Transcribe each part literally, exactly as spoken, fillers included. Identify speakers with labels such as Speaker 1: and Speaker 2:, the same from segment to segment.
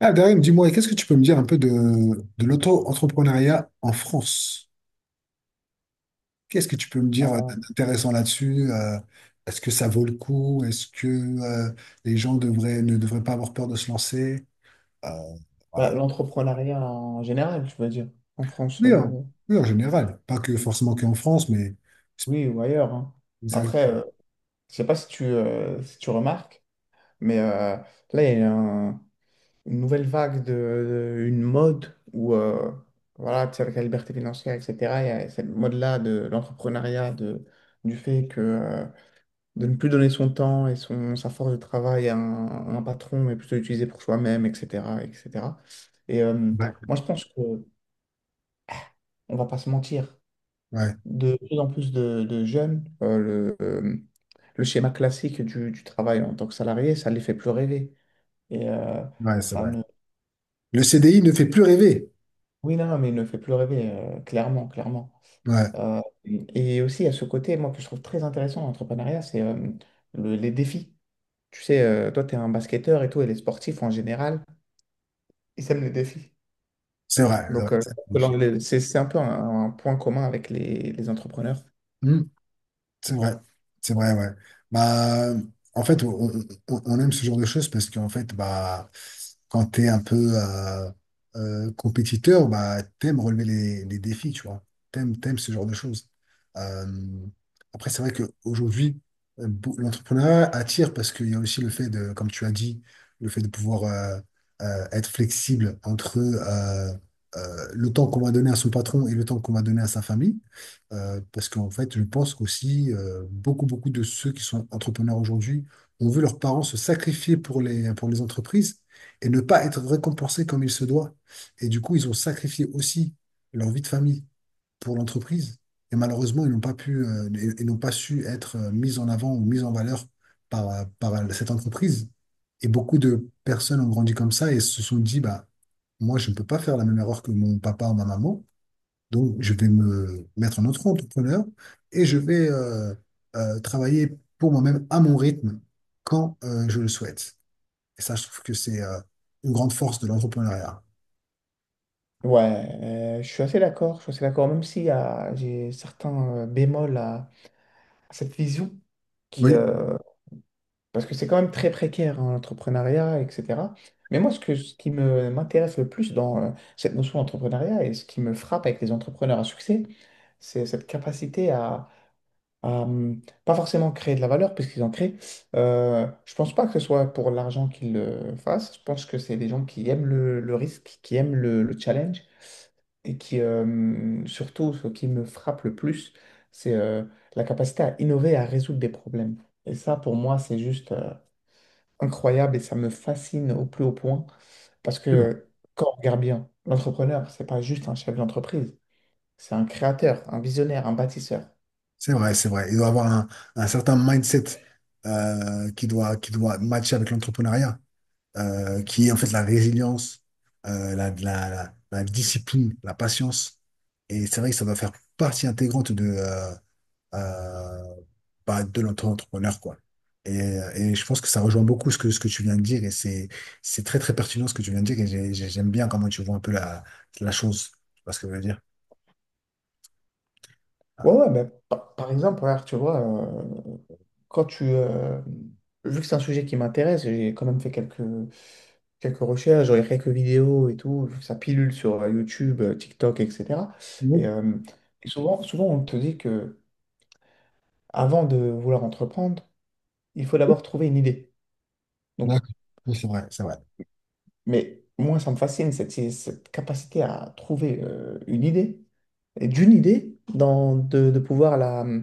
Speaker 1: Ah, Darim, dis-moi, qu'est-ce que tu peux me dire un peu de, de l'auto-entrepreneuriat en France? Qu'est-ce que tu peux me dire euh,
Speaker 2: Euh,
Speaker 1: d'intéressant là-dessus? Euh, est-ce que ça vaut le coup? Est-ce que euh, les gens devraient, ne devraient pas avoir peur de se lancer? Euh,
Speaker 2: bah,
Speaker 1: voilà.
Speaker 2: l'entrepreneuriat en général, je veux dire, en France,
Speaker 1: Oui, en,
Speaker 2: euh,
Speaker 1: oui, en général. Pas que forcément qu'en France, mais
Speaker 2: oui, ou ailleurs, hein.
Speaker 1: ça-
Speaker 2: Après, euh, je sais pas si tu, euh, si tu remarques, mais euh, là, il y a un- une nouvelle vague de, de- une mode où, euh, voilà, tu sais, avec la liberté financière, et cetera, il y a cette mode-là de l'entrepreneuriat, de, du fait que, euh, de ne plus donner son temps et son, sa force de travail à un, à un patron, mais plutôt l'utiliser pour soi-même, et cetera, et cetera. Et cetera. Et euh,
Speaker 1: ouais,
Speaker 2: Moi, je pense que on va pas se mentir.
Speaker 1: ouais,
Speaker 2: De plus en plus de, de jeunes, euh, le, euh, le schéma classique du, du travail en tant que salarié, ça ne les fait plus rêver. Et euh,
Speaker 1: ouais, c'est
Speaker 2: Ça
Speaker 1: vrai.
Speaker 2: ne...
Speaker 1: Le C D I ne fait plus rêver.
Speaker 2: Oui, non, non, mais il ne fait plus rêver, euh, clairement, clairement.
Speaker 1: Ouais,
Speaker 2: Euh, et aussi, à ce côté, moi, que je trouve très intéressant dans l'entrepreneuriat, c'est euh, le- les défis. Tu sais, euh, toi, tu es un basketteur et tout, et les sportifs en général, ils aiment les défis.
Speaker 1: c'est vrai, c'est vrai,
Speaker 2: Donc, euh,
Speaker 1: ça
Speaker 2: que
Speaker 1: me
Speaker 2: l'on-
Speaker 1: fait.
Speaker 2: les- c'est c'est un peu un, un point commun avec les, les entrepreneurs.
Speaker 1: C'est vrai, c'est vrai, ouais. Bah, en fait, on, on- on aime ce genre de choses parce qu'en fait, bah, quand t'es un peu euh, euh, compétiteur, bah, t'aimes relever les, les défis, tu vois. T'aimes, t'aimes ce genre de choses. Euh, Après, c'est vrai qu'aujourd'hui, l'entrepreneuriat attire parce qu'il y a aussi le fait de, comme tu as dit, le fait de pouvoir euh, euh, être flexible entre euh, euh, le temps qu'on va donner à son patron et le temps qu'on va donner à sa famille. Euh, parce qu'en fait, je pense qu'aussi, euh, beaucoup, beaucoup de ceux qui sont entrepreneurs aujourd'hui ont vu leurs parents se sacrifier pour les, pour les entreprises et ne pas être récompensés comme il se doit. Et du coup, ils ont sacrifié aussi leur vie de famille pour l'entreprise. Et malheureusement, ils n'ont pas pu, euh, et- et n'ont pas su être euh, mis en avant ou mis en valeur par, euh, par euh, cette entreprise. Et beaucoup de personnes ont grandi comme ça et se sont dit, bah, moi, je ne peux pas faire la même erreur que mon papa ou ma maman. Donc, je vais me mettre en auto-entrepreneur et je vais euh, euh, travailler pour moi-même à mon rythme quand euh, je le souhaite. Et ça, je trouve que c'est euh, une grande force de l'entrepreneuriat.
Speaker 2: Ouais, euh, je suis assez d'accord, je suis assez d'accord, même si euh, j'ai certains euh, bémols à, à cette vision, qui,
Speaker 1: Oui,
Speaker 2: euh, parce que c'est quand même très précaire, hein, l'entrepreneuriat, et cetera. Mais moi, ce que, ce qui me, m'intéresse le plus dans euh, cette notion d'entrepreneuriat et ce qui me frappe avec les entrepreneurs à succès, c'est cette capacité à, à, hum, pas forcément créer de la valeur, puisqu'ils en créent. Euh, je pense pas que ce soit pour l'argent qu'ils le fassent, je pense que c'est des gens qui aiment le, le risque, qui aiment le le challenge et qui, euh, surtout, ce qui me frappe le plus, c'est euh, la capacité à innover, à résoudre des problèmes. Et ça, pour moi, c'est juste euh, incroyable et ça me fascine au plus haut point parce
Speaker 1: c'est vrai,
Speaker 2: que quand on regarde bien, l'entrepreneur, c'est pas juste un chef d'entreprise, c'est un créateur, un visionnaire, un bâtisseur.
Speaker 1: c'est vrai. C'est vrai. Il doit avoir un, un certain mindset euh, qui doit, qui doit matcher avec l'entrepreneuriat, euh, qui est en fait la résilience, euh, la, la, la la discipline, la patience. Et c'est vrai que ça doit faire partie intégrante de euh, euh, bah, de l'auto-entrepreneur, quoi. Et, et je pense que ça rejoint beaucoup ce que, ce que tu viens de dire et c'est, c'est très, très pertinent ce que tu viens de dire et j'ai- j'ai- j'aime bien comment tu vois un peu la, la chose. Tu vois ce que je veux dire? Ah,
Speaker 2: Ouais, ouais, mais par, par exemple, regarde, tu vois, euh, quand tu, euh, vu que c'est un sujet qui m'intéresse, j'ai quand même fait quelques quelques recherches, j'aurais quelques vidéos et tout, ça pilule sur euh, YouTube, euh, TikTok, et cetera. Et,
Speaker 1: oui,
Speaker 2: euh, et souvent, souvent, on te dit que avant de vouloir entreprendre, il faut d'abord trouver une idée. Donc,
Speaker 1: d'accord. Oui, c'est vrai, c'est vrai.
Speaker 2: mais moi, ça me fascine, cette, cette capacité à trouver euh, une idée, et d'une idée, dans, de, de pouvoir la, euh,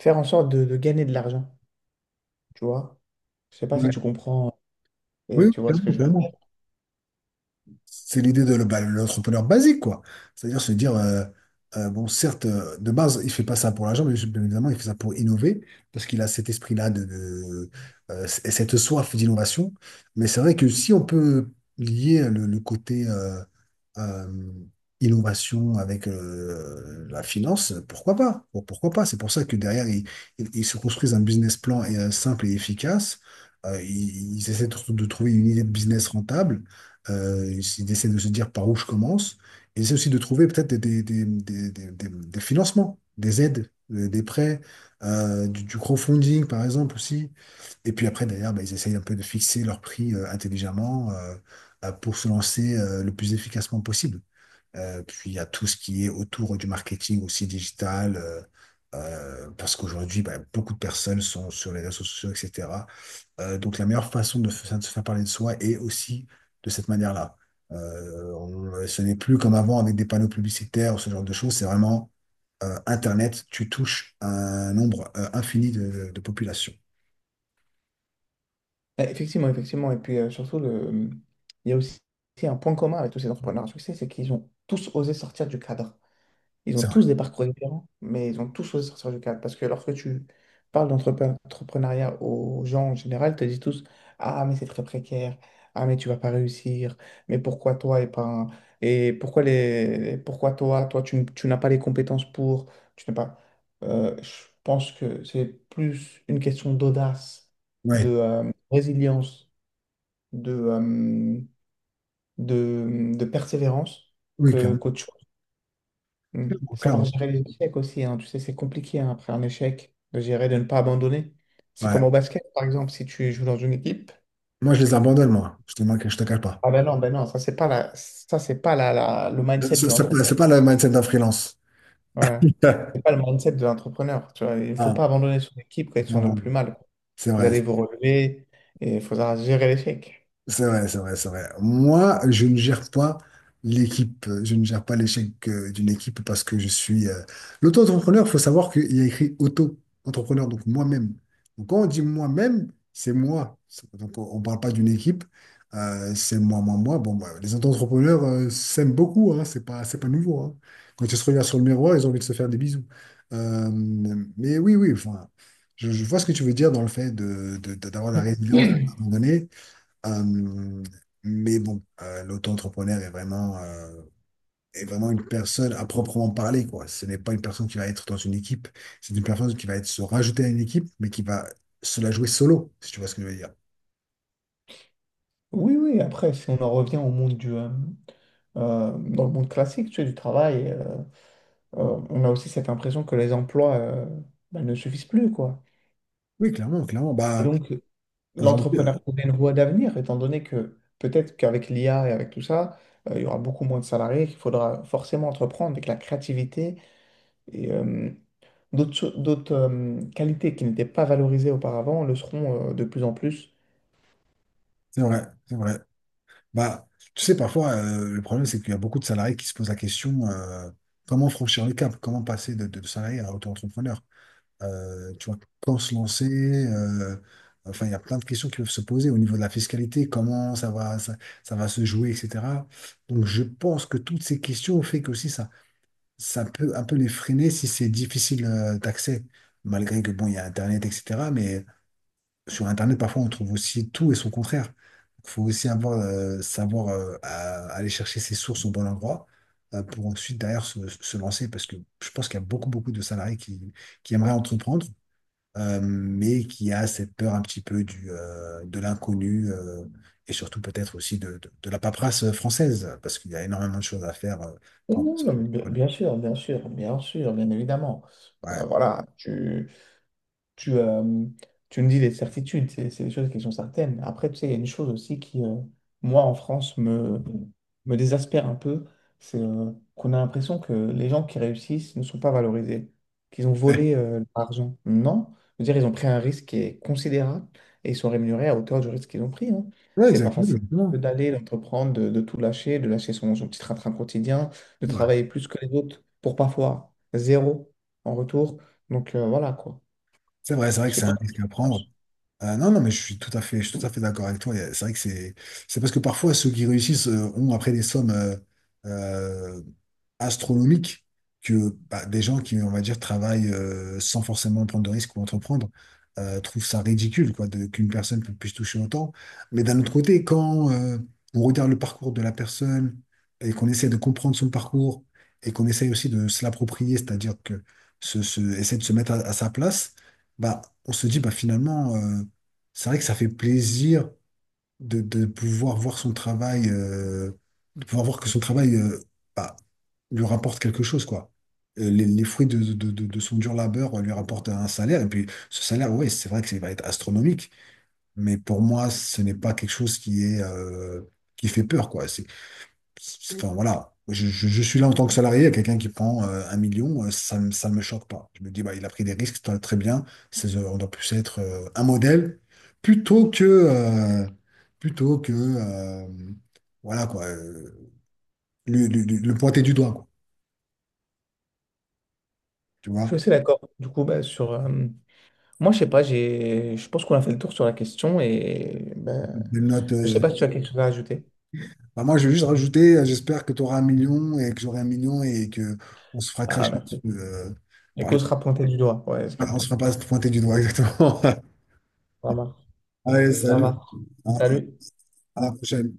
Speaker 2: faire en sorte de, de gagner de l'argent, tu vois. Je sais pas si
Speaker 1: Ouais.
Speaker 2: tu comprends
Speaker 1: Oui,
Speaker 2: et
Speaker 1: oui,
Speaker 2: tu vois ce que
Speaker 1: clairement,
Speaker 2: je...
Speaker 1: clairement. C'est l'idée de le- bah, l'entrepreneur basique, quoi. C'est-à-dire se dire, euh, euh, bon, certes, euh, de base, il fait pas ça pour l'argent, mais bien évidemment, il fait ça pour innover, parce qu'il a cet esprit-là de, de, euh, et cette soif d'innovation. Mais c'est vrai que si on peut lier le, le côté euh, euh, innovation avec euh, la finance, pourquoi pas? Bon, pourquoi pas? C'est pour ça que derrière, ils, ils- ils se construisent un business plan euh, simple et efficace. Euh, ils, ils essaient de, de trouver une idée de business rentable. Euh, ils essaient de se dire par où je commence. Ils essaient aussi de trouver peut-être des, des, des, des, des- des- des financements, des aides, euh, des prêts, euh, du, du crowdfunding par exemple aussi. Et puis après, derrière, bah, ils essayent un peu de fixer leur prix euh, intelligemment euh, euh, pour se lancer euh, le plus efficacement possible. Euh, puis il y a tout ce qui est autour du marketing aussi digital, euh, euh, parce qu'aujourd'hui, bah, beaucoup de personnes sont sur les réseaux sociaux, et cetera. Euh, donc la meilleure façon de, f- de se faire parler de soi est aussi de cette manière-là. Euh, on- ce n'est plus comme avant avec des panneaux publicitaires ou ce genre de choses, c'est vraiment euh, Internet, tu touches un nombre euh, infini de, de populations.
Speaker 2: Bah, effectivement, effectivement. Et puis euh, surtout, le... il y a aussi un point commun avec tous ces entrepreneurs à succès, c'est qu'ils ont tous osé sortir du cadre. Ils ont
Speaker 1: C'est vrai.
Speaker 2: tous des parcours différents, mais ils ont tous choisi de sortir du cadre. Parce que lorsque tu parles d'entrepreneuriat aux gens en général, ils te disent tous, ah, mais c'est très précaire. Ah, mais tu vas pas réussir. Mais pourquoi toi et pas... un- Et pourquoi les... pourquoi toi? Toi, tu, n- tu n'as pas les compétences pour... Tu n'as pas... Euh, je pense que c'est plus une question d'audace, de
Speaker 1: Ouais.
Speaker 2: euh, résilience, de, euh, de, de persévérance
Speaker 1: Oui,
Speaker 2: que
Speaker 1: clairement.
Speaker 2: qu'autre chose. Mm.
Speaker 1: Clairement,
Speaker 2: Savoir
Speaker 1: clairement.
Speaker 2: gérer les échecs aussi, hein. Tu sais, c'est compliqué hein, après un échec de gérer, de ne pas abandonner. C'est
Speaker 1: Ouais.
Speaker 2: comme au basket, par exemple, si tu joues dans une équipe.
Speaker 1: Moi, je les abandonne, moi. Je te manque, je te cache pas.
Speaker 2: Ah ben non, ben non, ça c'est pas la, ça c'est pas la, la- le
Speaker 1: C'est
Speaker 2: mindset de
Speaker 1: c'est-
Speaker 2: l'entrepreneur.
Speaker 1: c'est pas le mindset d'un freelance.
Speaker 2: Ouais. C'est pas le mindset de l'entrepreneur. Tu vois, il faut
Speaker 1: Ah,
Speaker 2: pas abandonner son équipe quand ils sont dans le
Speaker 1: clairement.
Speaker 2: plus mal, quoi.
Speaker 1: C'est
Speaker 2: Vous
Speaker 1: vrai.
Speaker 2: allez vous relever et il faudra gérer l'échec.
Speaker 1: C'est vrai, c'est vrai, c'est vrai. Moi, je ne gère pas l'équipe, je ne gère pas l'échec euh, d'une équipe parce que je suis euh, l'auto-entrepreneur. Il faut savoir qu'il y a écrit auto-entrepreneur, donc moi-même. Donc quand on dit moi-même, c'est moi. C'est- Donc on ne parle pas d'une équipe, euh, c'est moi, moi, moi. Bon, bah, les auto-entrepreneurs euh, s'aiment beaucoup, hein, c'est pas, c'est pas nouveau, hein. Quand ils se regardent sur le miroir, ils ont envie de se faire des bisous. Euh, mais oui, oui, enfin, je, je vois ce que tu veux dire dans le fait de, de- de- d'avoir la résilience à un moment donné. Euh, mais bon, euh, l'auto-entrepreneur est vraiment, euh, est vraiment une personne à proprement parler, quoi. Ce n'est pas une personne qui va être dans une équipe, c'est une personne qui va être se rajouter à une équipe, mais qui va se la jouer solo, si tu vois ce que je veux dire.
Speaker 2: Oui, oui, après, si on en revient au monde du, euh, euh, dans le monde classique, tu sais, du travail. Euh, euh, on a aussi cette impression que les emplois euh, bah, ne suffisent plus, quoi.
Speaker 1: Oui, clairement, clairement.
Speaker 2: Et
Speaker 1: Bah,
Speaker 2: donc,
Speaker 1: aujourd'hui, euh,
Speaker 2: l'entrepreneuriat est une voie d'avenir, étant donné que peut-être qu'avec l'I A et avec tout ça, euh, il y aura beaucoup moins de salariés, qu'il faudra forcément entreprendre avec la créativité et euh, d'autres cho- d'autres, euh, qualités qui n'étaient pas valorisées auparavant le seront euh, de plus en plus.
Speaker 1: c'est vrai, c'est vrai. Bah, tu sais, parfois, euh, le problème, c'est qu'il y a beaucoup de salariés qui se posent la question, euh, comment franchir le cap, comment passer de, de, de salarié à auto-entrepreneur. Euh, tu vois, quand se lancer euh, enfin, il y a plein de questions qui peuvent se poser au niveau de la fiscalité, comment ça va, ça, ça va se jouer, et cetera. Donc, je pense que toutes ces questions fait que aussi ça, ça peut un peu les freiner si c'est difficile euh, d'accès, malgré que, bon, il y a Internet, et cetera. Mais sur Internet, parfois, on trouve aussi tout et son contraire. Il faut aussi avoir, euh, savoir euh, à- aller chercher ses sources au bon endroit euh, pour ensuite, derrière, se, se lancer, parce que je pense qu'il y a beaucoup, beaucoup de salariés qui, qui aimeraient entreprendre euh, mais qui a cette peur un petit peu du, euh, de l'inconnu euh, et surtout peut-être aussi de, de, de la paperasse française, parce qu'il y a énormément de choses à faire euh,
Speaker 2: Oui,
Speaker 1: quand on passe
Speaker 2: oui, non,
Speaker 1: au
Speaker 2: mais bien
Speaker 1: téléphone.
Speaker 2: bien sûr, bien sûr, bien sûr, bien évidemment.
Speaker 1: Ouais.
Speaker 2: Euh, voilà, tu, tu, euh, tu nous dis des certitudes, c'est c'est des choses qui sont certaines. Après, tu sais, il y a une chose aussi qui, euh, moi, en France, me, me désespère un peu, c'est euh, qu'on a l'impression que les gens qui réussissent ne sont pas valorisés, qu'ils ont volé euh, l'argent. Non, je veux dire, ils ont pris un risque qui est considérable et ils sont rémunérés à hauteur du risque qu'ils ont pris, hein.
Speaker 1: Ouais,
Speaker 2: C'est pas
Speaker 1: exactement,
Speaker 2: facile
Speaker 1: exactement.
Speaker 2: d'aller, d'entreprendre, de, de tout lâcher, de lâcher son, son petit train-train quotidien, de
Speaker 1: C'est vrai,
Speaker 2: travailler plus que les autres pour parfois zéro en retour. Donc euh, voilà quoi.
Speaker 1: c'est vrai, c'est vrai
Speaker 2: Je
Speaker 1: que
Speaker 2: sais
Speaker 1: c'est
Speaker 2: pas
Speaker 1: un
Speaker 2: ce que
Speaker 1: risque
Speaker 2: tu
Speaker 1: à prendre.
Speaker 2: penses.
Speaker 1: Ah non, non, mais je suis tout à fait, je suis tout à fait d'accord avec toi. Il y a- C'est vrai que c'est, c'est parce que parfois ceux qui réussissent euh, ont après des sommes euh, euh, astronomiques que bah, des gens qui, on va dire, travaillent euh, sans forcément prendre de risques ou entreprendre euh, trouvent ça ridicule, quoi, de- qu'une personne pu- puisse toucher autant. Mais d'un autre côté, quand euh, on regarde le parcours de la personne et qu'on essaie de comprendre son parcours et qu'on essaie aussi de se l'approprier, c'est-à-dire que se, se- essayer de se mettre à, à sa place, bah, on se dit, bah, finalement. euh, c'est vrai que ça fait plaisir de, de pouvoir voir son travail, euh, de pouvoir voir que son travail euh, bah, lui rapporte quelque chose, quoi. Euh, Les, les fruits de, de, de- de son dur labeur euh, lui rapportent un salaire, et puis ce salaire, oui, c'est vrai que ça va être astronomique, mais pour moi, ce n'est pas quelque chose qui est, euh, qui fait peur, quoi. Enfin, voilà. Je, je- je suis là en tant que salarié, il y a quelqu'un qui prend euh, un million, euh, ça ne me, ça me choque pas. Je me dis, bah, il a pris des risques, très très bien. C'est, euh, on doit plus être euh, un modèle plutôt que, euh, plutôt que euh, voilà, quoi, euh, le, le- le- le pointer du doigt, quoi. Tu
Speaker 2: Je suis
Speaker 1: vois?
Speaker 2: assez d'accord. Du coup, bah, sur, euh, moi, je sais pas, j'ai, je pense qu'on a fait le tour sur la question et bah,
Speaker 1: Des notes,
Speaker 2: je sais
Speaker 1: euh,
Speaker 2: pas si tu as quelque chose à ajouter.
Speaker 1: bah, moi, je vais juste rajouter, euh, j'espère que tu auras un million et que j'aurai un million et que on se fera
Speaker 2: Ah,
Speaker 1: cracher dessus.
Speaker 2: merci.
Speaker 1: euh,
Speaker 2: Les
Speaker 1: par les-
Speaker 2: causes sera pointées du doigt. Ouais, j'ai
Speaker 1: On se
Speaker 2: capté.
Speaker 1: fera pas pointer du doigt, exactement.
Speaker 2: Ça marche.
Speaker 1: Allez,
Speaker 2: Ça
Speaker 1: salut.
Speaker 2: marche.
Speaker 1: à
Speaker 2: Salut.
Speaker 1: à la prochaine.